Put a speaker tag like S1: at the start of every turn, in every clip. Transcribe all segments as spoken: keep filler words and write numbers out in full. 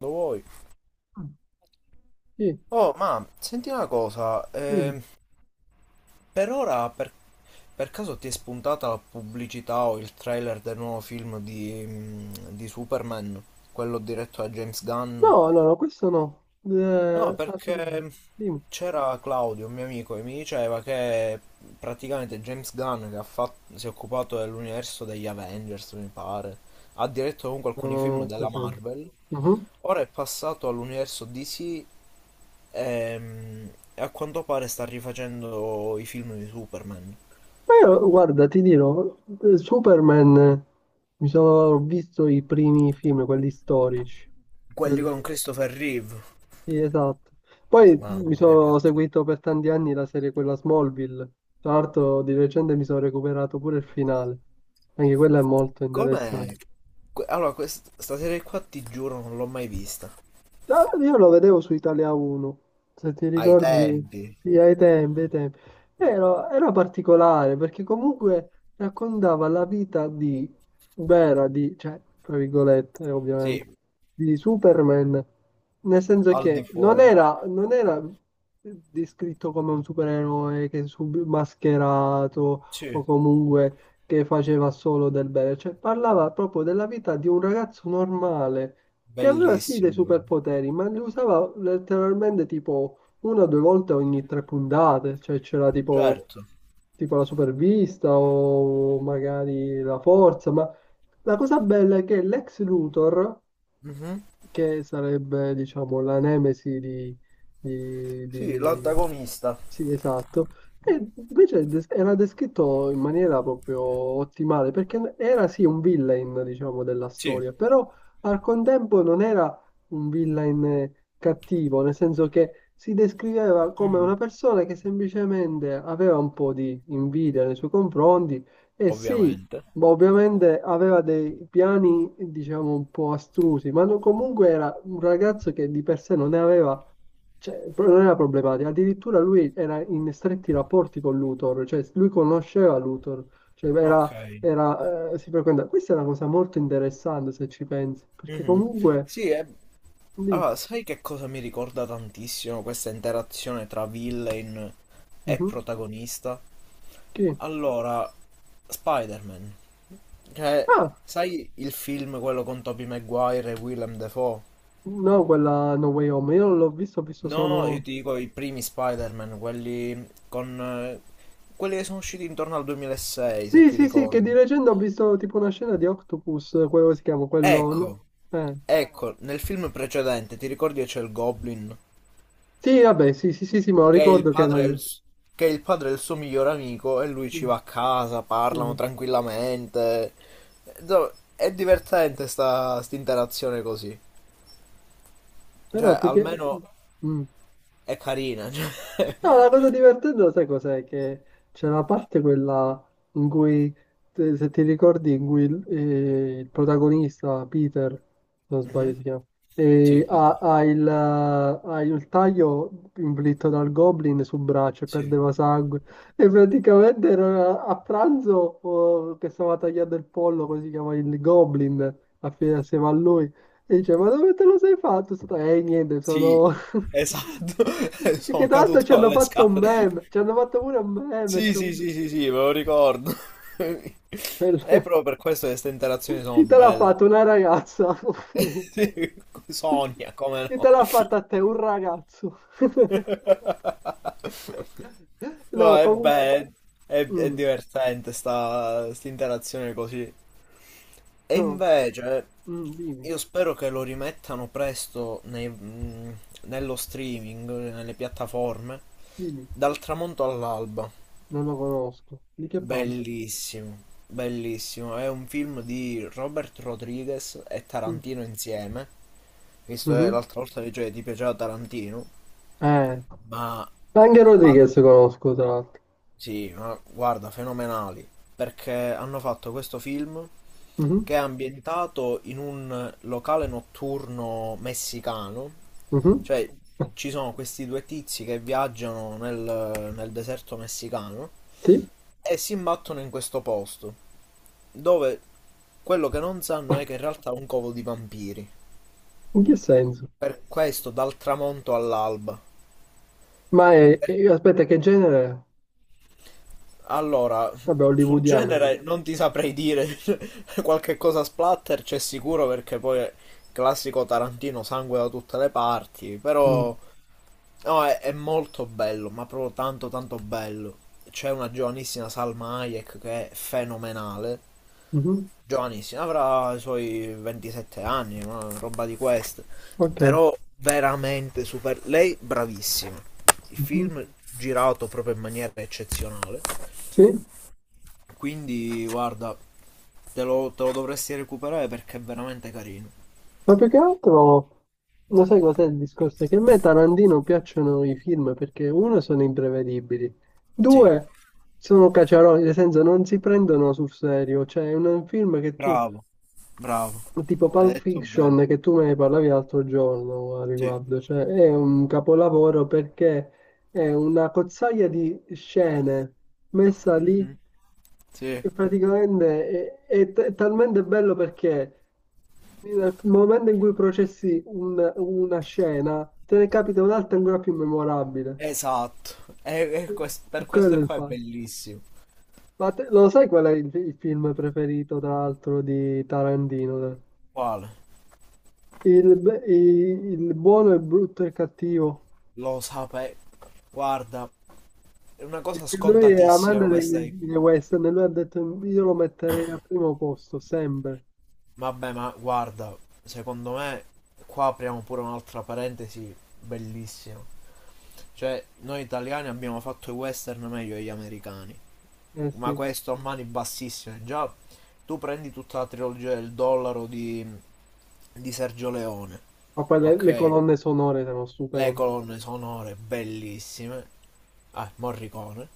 S1: Lo vuoi?
S2: Ah, Sì,
S1: Oh, ma senti una cosa,
S2: dimmi.
S1: ehm, per ora per, per caso ti è spuntata la pubblicità o il trailer del nuovo film di, mm, di Superman, quello diretto da James Gunn?
S2: No, no, no, questo no.
S1: No,
S2: Eh, altre-
S1: perché
S2: Dimmi.
S1: c'era Claudio, un mio amico, che mi diceva che praticamente James Gunn, che ha fatto- si è occupato dell'universo degli Avengers, mi pare, ha diretto comunque
S2: No,
S1: alcuni
S2: no,
S1: film
S2: no,
S1: della
S2: presente.
S1: Marvel,
S2: Mhm.
S1: ora è passato all'universo D C, ehm, e a quanto pare sta rifacendo i film di Superman.
S2: Ma io, guarda, ti dirò, eh, Superman, eh, mi sono ho visto i primi film, quelli storici.
S1: Quelli con
S2: Quelli...
S1: Christopher Reeve.
S2: Sì, esatto. Poi mi
S1: Mamma mia, che
S2: sono
S1: attore.
S2: seguito per tanti anni la serie quella Smallville. Tra l'altro, di recente mi sono recuperato pure il finale. Anche quella è molto
S1: Com'è?
S2: interessante.
S1: Que- Allora, questa serie qua ti giuro non l'ho mai vista.
S2: Ah, io lo vedevo su Italia uno, se ti
S1: Ai
S2: ricordi,
S1: tempi.
S2: sì, ai tempi, ai tempi. Era, era particolare perché comunque raccontava la vita di, vera, di, cioè, tra virgolette,
S1: Sì,
S2: ovviamente, di Superman. Nel senso
S1: al di
S2: che non
S1: fuori.
S2: era, non era descritto come un supereroe che sub mascherato
S1: Sì.
S2: o comunque che faceva solo del bene, cioè parlava proprio della vita di un ragazzo normale che aveva sì dei
S1: Bellissimo così.
S2: superpoteri, ma li usava letteralmente tipo una o due volte ogni tre puntate, cioè c'era tipo,
S1: Certo.
S2: tipo la supervista o magari la forza, ma la cosa bella è che l'ex Luthor,
S1: Mhm.
S2: che sarebbe diciamo la nemesi di, di-
S1: Sì,
S2: di-
S1: l'antagonista.
S2: Sì, esatto. E invece des- era descritto in maniera proprio ottimale, perché era sì un villain, diciamo, della
S1: Sì.
S2: storia, però al contempo non era un villain eh, cattivo, nel senso che si descriveva come
S1: Mhm.
S2: una persona che semplicemente aveva un po' di invidia nei suoi confronti e sì,
S1: Ovviamente.
S2: ma ovviamente aveva dei piani, diciamo, un po' astrusi, ma no- comunque era un ragazzo che di per sé non ne aveva cioè, pro- non era problematico, addirittura lui era in stretti rapporti con Luthor, cioè lui conosceva Luthor, cioè
S1: Ok.
S2: era, era, eh, si frequenta. Questa è una cosa molto interessante se ci pensi, perché
S1: Mhm.
S2: comunque.
S1: Sì, è...
S2: di-
S1: Allora, sai che cosa mi ricorda tantissimo questa interazione tra villain e
S2: Mhm.
S1: protagonista?
S2: Chi?
S1: Allora, Spider-Man. Cioè,
S2: Ah,
S1: sai il film quello con Tobey Maguire e Willem Dafoe?
S2: no, quella No Way Home, io non l'ho visto, ho visto
S1: No, io
S2: solo...
S1: ti dico i primi Spider-Man, quelli con eh, quelli che sono usciti intorno al duemilasei, se
S2: Sì,
S1: ti
S2: sì, sì, che di
S1: ricordi.
S2: recente ho visto tipo una scena di Octopus, quello si chiama, quello... no,
S1: Ecco,
S2: Eh.
S1: ecco, nel film precedente ti ricordi che c'è il Goblin,
S2: Sì, vabbè, sì, sì, sì, sì, ma
S1: che è il
S2: ricordo che era...
S1: padre del,
S2: Sì,
S1: s- che è il padre del suo miglior amico e lui
S2: sì.
S1: ci va a casa,
S2: Sì,
S1: parlano
S2: sì.
S1: tranquillamente. Do- È divertente sta interazione così.
S2: Però
S1: Cioè,
S2: perché...
S1: almeno
S2: Mm.
S1: è carina. cioè.
S2: No, la cosa divertente, sai cos'è? Che c'è la parte quella in cui, te- se ti ricordi, in cui il, eh, il protagonista, Peter, se non sbaglio
S1: Mhm.
S2: si chiama,
S1: Sì,
S2: eh, ha,
S1: Peter.
S2: ha il, eh, ha il taglio inflitto dal Goblin sul braccio e
S1: Sì.
S2: perdeva sangue. E praticamente era a pranzo, oh, che stava tagliando il pollo, così si chiama il Goblin, assieme a lui. E dice, ma dove te lo sei fatto? Sto- Eh, niente,
S1: Sì,
S2: sono...
S1: esatto,
S2: Che tra
S1: sono
S2: l'altro ci
S1: caduto
S2: hanno
S1: dalle
S2: fatto un
S1: scale.
S2: meme, ci hanno fatto pure un meme. ci
S1: Sì,
S2: hanno-
S1: sì, sì, sì, sì, me lo ricordo. È
S2: Bello.
S1: proprio per questo che queste interazioni sono
S2: Chi te l'ha
S1: belle.
S2: fatto? Una ragazza.
S1: Sì, Sonia, come
S2: Chi te
S1: no?
S2: l'ha fatta a te? Un ragazzo.
S1: No,
S2: No,
S1: è
S2: comunque...
S1: bello, è, è
S2: Mm,
S1: divertente sta, sta interazione così. E
S2: no,
S1: invece
S2: mm, dimmi,
S1: io spero che lo rimettano presto nei- mh, nello streaming, nelle piattaforme,
S2: dimmi.
S1: dal tramonto all'alba.
S2: Non lo conosco. Di che parlo?
S1: Bellissimo, bellissimo. È un film di Robert Rodriguez e
S2: Mm,
S1: Tarantino insieme, visto che
S2: mhm.
S1: l'altra volta dicevi ti piaceva Tarantino,
S2: Eh,
S1: ma
S2: Anche
S1: ah,
S2: Rodriguez conosco, tra l'altro.
S1: sì, ma guarda, fenomenali, perché hanno fatto questo film
S2: Mhm,
S1: che è ambientato in un locale notturno messicano.
S2: mhm.
S1: Cioè, ci sono questi due tizi che viaggiano nel, nel deserto messicano
S2: Sì?
S1: e si imbattono in questo posto, dove quello che non sanno è che in realtà è un covo di vampiri.
S2: In che senso?
S1: Per questo, dal tramonto all'alba.
S2: Ma è,
S1: Per-
S2: e- aspetta, che genere è?
S1: Allora,
S2: Vabbè,
S1: sul
S2: hollywoodiano, immagino.
S1: genere non ti saprei dire qualche cosa splatter, c'è sicuro perché poi è classico Tarantino, sangue da tutte le parti,
S2: Mm,
S1: però no, è, è molto bello, ma proprio tanto tanto bello. C'è una giovanissima Salma Hayek che è fenomenale.
S2: mhm,
S1: Giovanissima, avrà i suoi ventisette anni, una roba di queste.
S2: Ok.
S1: Però veramente super. Lei bravissima. Il
S2: Mhm.
S1: film girato proprio in maniera eccezionale.
S2: Sì,
S1: Quindi guarda, te lo, te lo dovresti recuperare perché è veramente carino.
S2: ma più che altro, lo sai cos'è il discorso? È che a me Tarantino piacciono i film perché, uno, sono imprevedibili,
S1: Sì.
S2: due, sono caciaroni, nel senso non si prendono sul serio. Cioè, è un film che tu,
S1: Bravo, bravo.
S2: tipo
S1: Hai
S2: Pulp
S1: detto bene.
S2: Fiction, che tu me ne parlavi l'altro giorno a
S1: Sì.
S2: riguardo, cioè è un capolavoro perché è una cozzaia di scene messa lì.
S1: Mhm. Sì,
S2: E praticamente è, è t- è talmente bello perché nel momento in cui processi un- una scena, te ne capita un'altra ancora più memorabile.
S1: esatto. E, e quest- per
S2: Quello
S1: questo
S2: è il
S1: qua è
S2: fatto.
S1: bellissimo.
S2: Ma te- lo sai qual è il, il film preferito, tra l'altro, di Tarantino?
S1: Quale?
S2: Il, be- i- il buono, il brutto e il cattivo.
S1: Lo sapevo. Guarda, è una cosa
S2: Perché lui è
S1: scontatissima
S2: amante
S1: questa. è-
S2: dei, dei western e lui ha detto io lo metterei al primo posto, sempre.
S1: Vabbè, ma guarda, secondo me qua apriamo pure un'altra parentesi bellissima. Cioè, noi italiani abbiamo fatto i western meglio degli americani.
S2: Eh
S1: Ma
S2: sì.
S1: questo a mani bassissime. Già, tu prendi tutta la trilogia del dollaro di, di Sergio Leone,
S2: Ma poi le, le
S1: ok?
S2: colonne sonore sono
S1: Le
S2: stupende.
S1: colonne sonore bellissime, ah, Morricone,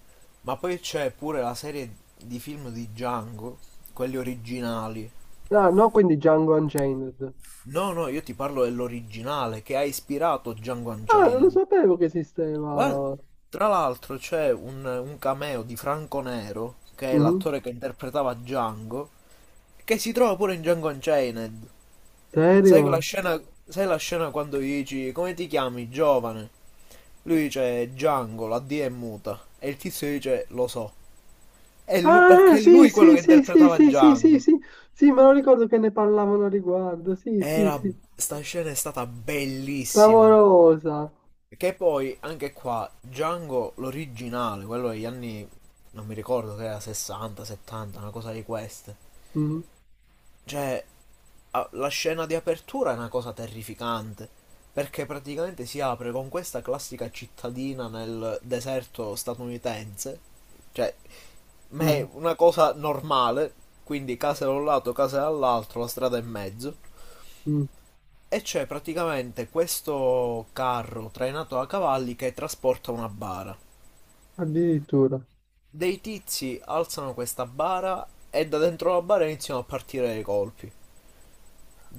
S1: ma poi c'è pure la serie di film di Django, quelli originali.
S2: Ah, no, quindi Django Unchained.
S1: No, no, io ti parlo dell'originale che ha ispirato Django
S2: Ah, non lo
S1: Unchained.
S2: sapevo che
S1: Guarda,
S2: esisteva.
S1: tra l'altro c'è un, un cameo di Franco Nero, che è
S2: Mhm.
S1: l'attore che interpretava Django, che si trova pure in Django Unchained. Sai quella
S2: Serio?
S1: scena, sai la scena quando gli dici come ti chiami, giovane? Lui dice Django, la D è muta. E il tizio dice lo so. È lui,
S2: Ah,
S1: perché è
S2: sì,
S1: lui quello
S2: sì,
S1: che
S2: sì, sì,
S1: interpretava
S2: sì, sì, sì,
S1: Django.
S2: sì, sì, me lo ricordo che ne parlavano a riguardo. Sì, sì,
S1: Era,
S2: sì,
S1: Sta scena è stata bellissima.
S2: clamorosa.
S1: Che poi, anche qua, Django, l'originale, quello degli anni, non mi ricordo che era sessanta, settanta, una cosa di queste.
S2: Mhm,
S1: Cioè, a- la scena di apertura è una cosa terrificante, perché praticamente si apre con questa classica cittadina nel deserto statunitense, cioè, ma è
S2: mhm,
S1: una cosa normale, quindi case da un lato, case dall'altro, la strada in mezzo,
S2: mhm.
S1: e c'è praticamente questo carro trainato a cavalli che trasporta una bara.
S2: Addirittura.
S1: Dei tizi alzano questa bara e da dentro la bara iniziano a partire dei colpi.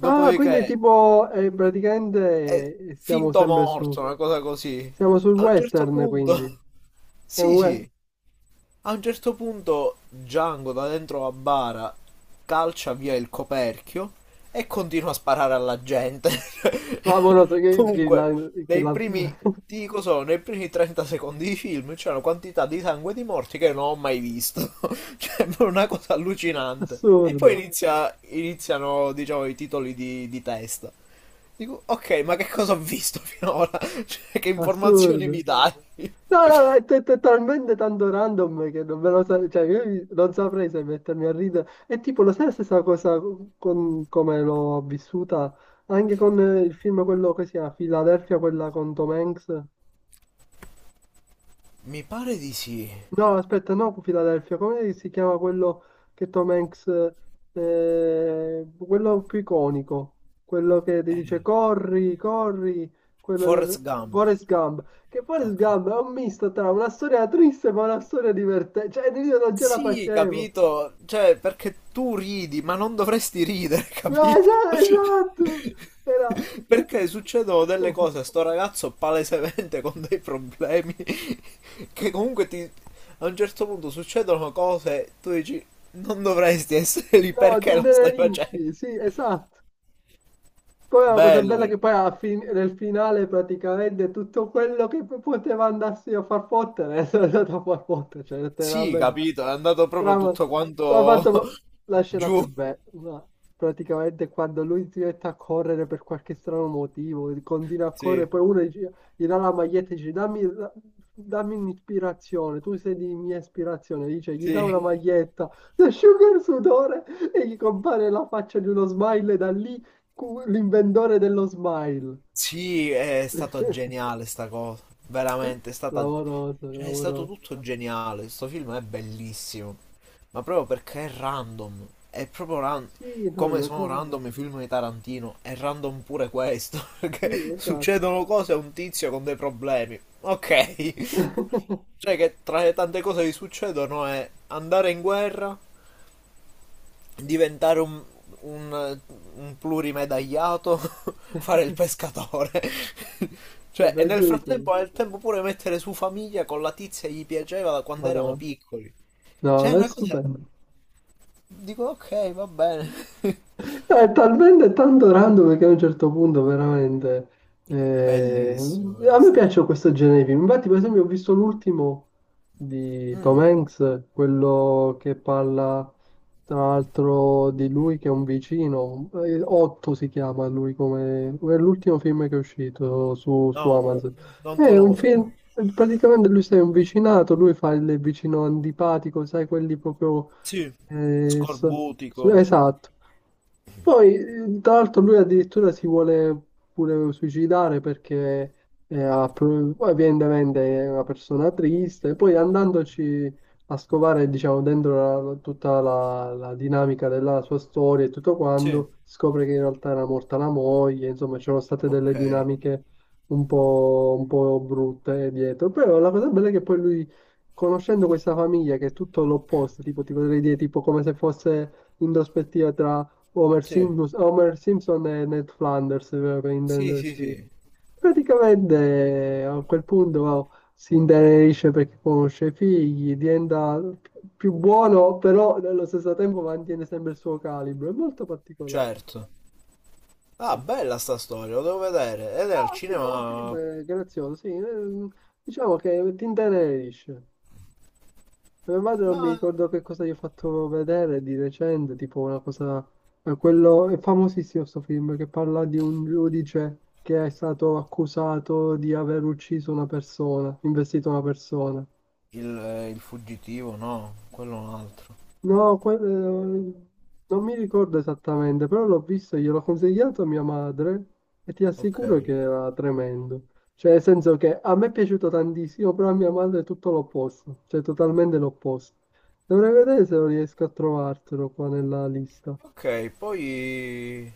S2: Ah, quindi tipo, eh,
S1: è
S2: praticamente eh, siamo
S1: finto
S2: sempre su,
S1: morto, una cosa così.
S2: siamo sul
S1: A un certo
S2: western, quindi.
S1: punto,
S2: È un
S1: sì,
S2: we-
S1: sì, a un certo punto Django da dentro la bara calcia via il coperchio e continua a sparare alla gente.
S2: Clamoroso, che, che
S1: Comunque,
S2: la... che
S1: nei
S2: la-
S1: primi, ti dico solo, nei primi trenta secondi di film c'è una quantità di sangue e di morti che non ho mai visto. Cioè, è una cosa allucinante. E poi
S2: Assurdo,
S1: inizia- iniziano, diciamo, i titoli di, di testa. Dico, ok, ma che cosa ho visto finora? Cioè, che informazioni
S2: assurdo.
S1: mi dai?
S2: No, no, è t- t- talmente tanto random che non me lo sa- cioè, io mi- non saprei se mettermi a ridere. E tipo, lo sai la stessa cosa con come l'ho vissuta anche con eh, il film quello che si chiama Philadelphia, quella con Tom Hanks?
S1: Mi pare di sì.
S2: No, aspetta, no, Philadelphia, come si chiama quello che Tom Hanks, eh, quello più iconico, quello che ti dice
S1: Eh,
S2: corri, corri, quello del
S1: Forrest Gump.
S2: Forrest Gump, che Forrest
S1: Ok.
S2: Gump è un misto tra una storia triste ma una storia divertente, cioè io non ce la
S1: Sì,
S2: facevo.
S1: capito. Cioè, perché tu ridi, ma non dovresti ridere,
S2: No,
S1: capito?
S2: esatto, esatto, era tutto,
S1: Perché succedono delle cose a sto ragazzo palesemente con dei problemi che comunque ti... a un certo punto succedono cose, tu dici, non dovresti essere lì,
S2: no, ti
S1: perché lo stai facendo?
S2: intenerisci, sì, esatto. Poi la cosa
S1: Bello,
S2: bella è
S1: però.
S2: che poi alla fine, nel finale praticamente tutto quello che p- poteva andarsi a far fottere è andato a far fottere, cioè
S1: Sì,
S2: letteralmente.
S1: capito, è andato proprio
S2: Trama,
S1: tutto
S2: ha
S1: quanto
S2: fatto la scena
S1: giù.
S2: più bella, ma praticamente quando lui si mette a correre per qualche strano motivo, continua a
S1: Sì,
S2: correre, poi uno gli, gli dà la maglietta e dice dammi, la- dammi un'ispirazione, tu sei di mia ispirazione, dice gli dà una
S1: sì.
S2: maglietta, si asciuga il sudore e gli compare la faccia di uno smile da lì. Cu- L'inventore dello smile.
S1: Sì, è stato geniale sta cosa. Veramente, è stata...
S2: Clamoroso,
S1: Cioè, è stato
S2: clamoroso.
S1: tutto geniale. Sto film è bellissimo. Ma proprio perché è random. È proprio random.
S2: Sì, no,
S1: Come
S2: no, no.
S1: sono
S2: No.
S1: random i film di Tarantino, è random pure questo.
S2: Sì,
S1: Perché
S2: esatto.
S1: succedono cose a un tizio con dei problemi. Ok. Cioè che tra le tante cose che gli succedono è andare in guerra, diventare un, un, un plurimedagliato, fare il pescatore.
S2: Cioè,
S1: Cioè, e nel
S2: peggio di così.
S1: frattempo ha il tempo pure mettere su famiglia con la tizia che gli piaceva da quando erano
S2: Madonna.
S1: piccoli. Cioè,
S2: No,
S1: è
S2: è
S1: una cosa...
S2: stupendo.
S1: Dico, ok, va bene.
S2: No, è talmente tanto random che a un certo punto veramente... eh,
S1: Bellissimo, vero?
S2: a me
S1: sta-
S2: piace questo genere di film. Infatti, per esempio, ho visto l'ultimo di Tom Hanks, quello che parla tra l'altro di lui che è un vicino. eh, Otto si chiama lui come... è l'ultimo film che è uscito su,
S1: No,
S2: su Amazon.
S1: non
S2: È un
S1: conosco.
S2: film... Praticamente lui sei un vicinato, lui fa il vicino antipatico, sai, quelli proprio
S1: Sì.
S2: eh, so- so-
S1: Scorbutico.
S2: esatto. Poi, eh, tra l'altro, lui addirittura si vuole pure suicidare perché eh, ha pro- poi evidentemente è una persona triste. Poi andandoci a scovare, diciamo, dentro la- tutta la, la dinamica della sua storia e tutto
S1: Sì.
S2: quanto, scopre che in realtà era morta la moglie, insomma, c'erano state delle
S1: Ok.
S2: dinamiche un po', un po' brutte dietro. Però la cosa bella è che poi lui conoscendo questa famiglia che è tutto l'opposto, tipo ti potrei dire tipo come se fosse in prospettiva tra Homer
S1: Sì.
S2: Simpson, Homer Simpson e Ned Flanders, per per
S1: Sì, sì,
S2: intenderci.
S1: sì.
S2: Praticamente a quel punto oh, si intenerisce perché conosce i figli, diventa più buono, però nello stesso tempo mantiene sempre il suo calibro. È molto particolare.
S1: Certo. Ah, bella sta storia, lo devo vedere. Ed è al
S2: No, sì, è un film
S1: cinema...
S2: eh, grazioso, sì. eh, Diciamo che ti intenerisce. Mia madre non mi
S1: Ma
S2: ricordo che cosa gli ho fatto vedere di recente, tipo una cosa... eh, Quello... È famosissimo questo film che parla di un giudice che è stato accusato di aver ucciso una persona, investito una persona.
S1: Il, eh, il fuggitivo, no, quello è un altro.
S2: No, que- eh, non mi ricordo esattamente, però l'ho visto, gliel'ho consigliato a mia madre e ti
S1: Ok.
S2: assicuro che era tremendo. Cioè, nel senso che a me è piaciuto tantissimo, però a mia madre è tutto l'opposto, cioè totalmente l'opposto. Dovrei vedere se lo riesco a trovartelo qua nella lista.
S1: Ok, poi,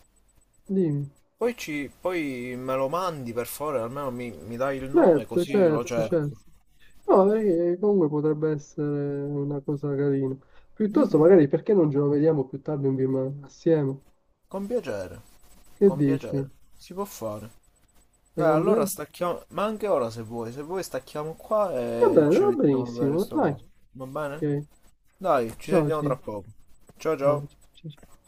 S2: Dimmi.
S1: poi, ci, poi me lo mandi per favore, almeno mi, mi dai il nome
S2: Certo,
S1: così io lo
S2: certo,
S1: cerco.
S2: certo. No, perché comunque potrebbe essere una cosa carina. Piuttosto,
S1: Mhm,
S2: magari, perché non ce lo vediamo più tardi un film assieme?
S1: con piacere,
S2: Che
S1: con
S2: dici?
S1: piacere, si può fare. Dai,
S2: Secondo
S1: allora
S2: te?
S1: stacchiamo, ma anche ora se vuoi, se vuoi stacchiamo qua
S2: Va
S1: e
S2: bene,
S1: ci
S2: va
S1: mettiamo a vedere
S2: benissimo.
S1: sto
S2: Dai,
S1: coso. Va bene?
S2: ok.
S1: Dai, ci
S2: Ciao,
S1: sentiamo tra
S2: ci-
S1: poco. Ciao
S2: ciao,
S1: ciao.
S2: ciao, ciao.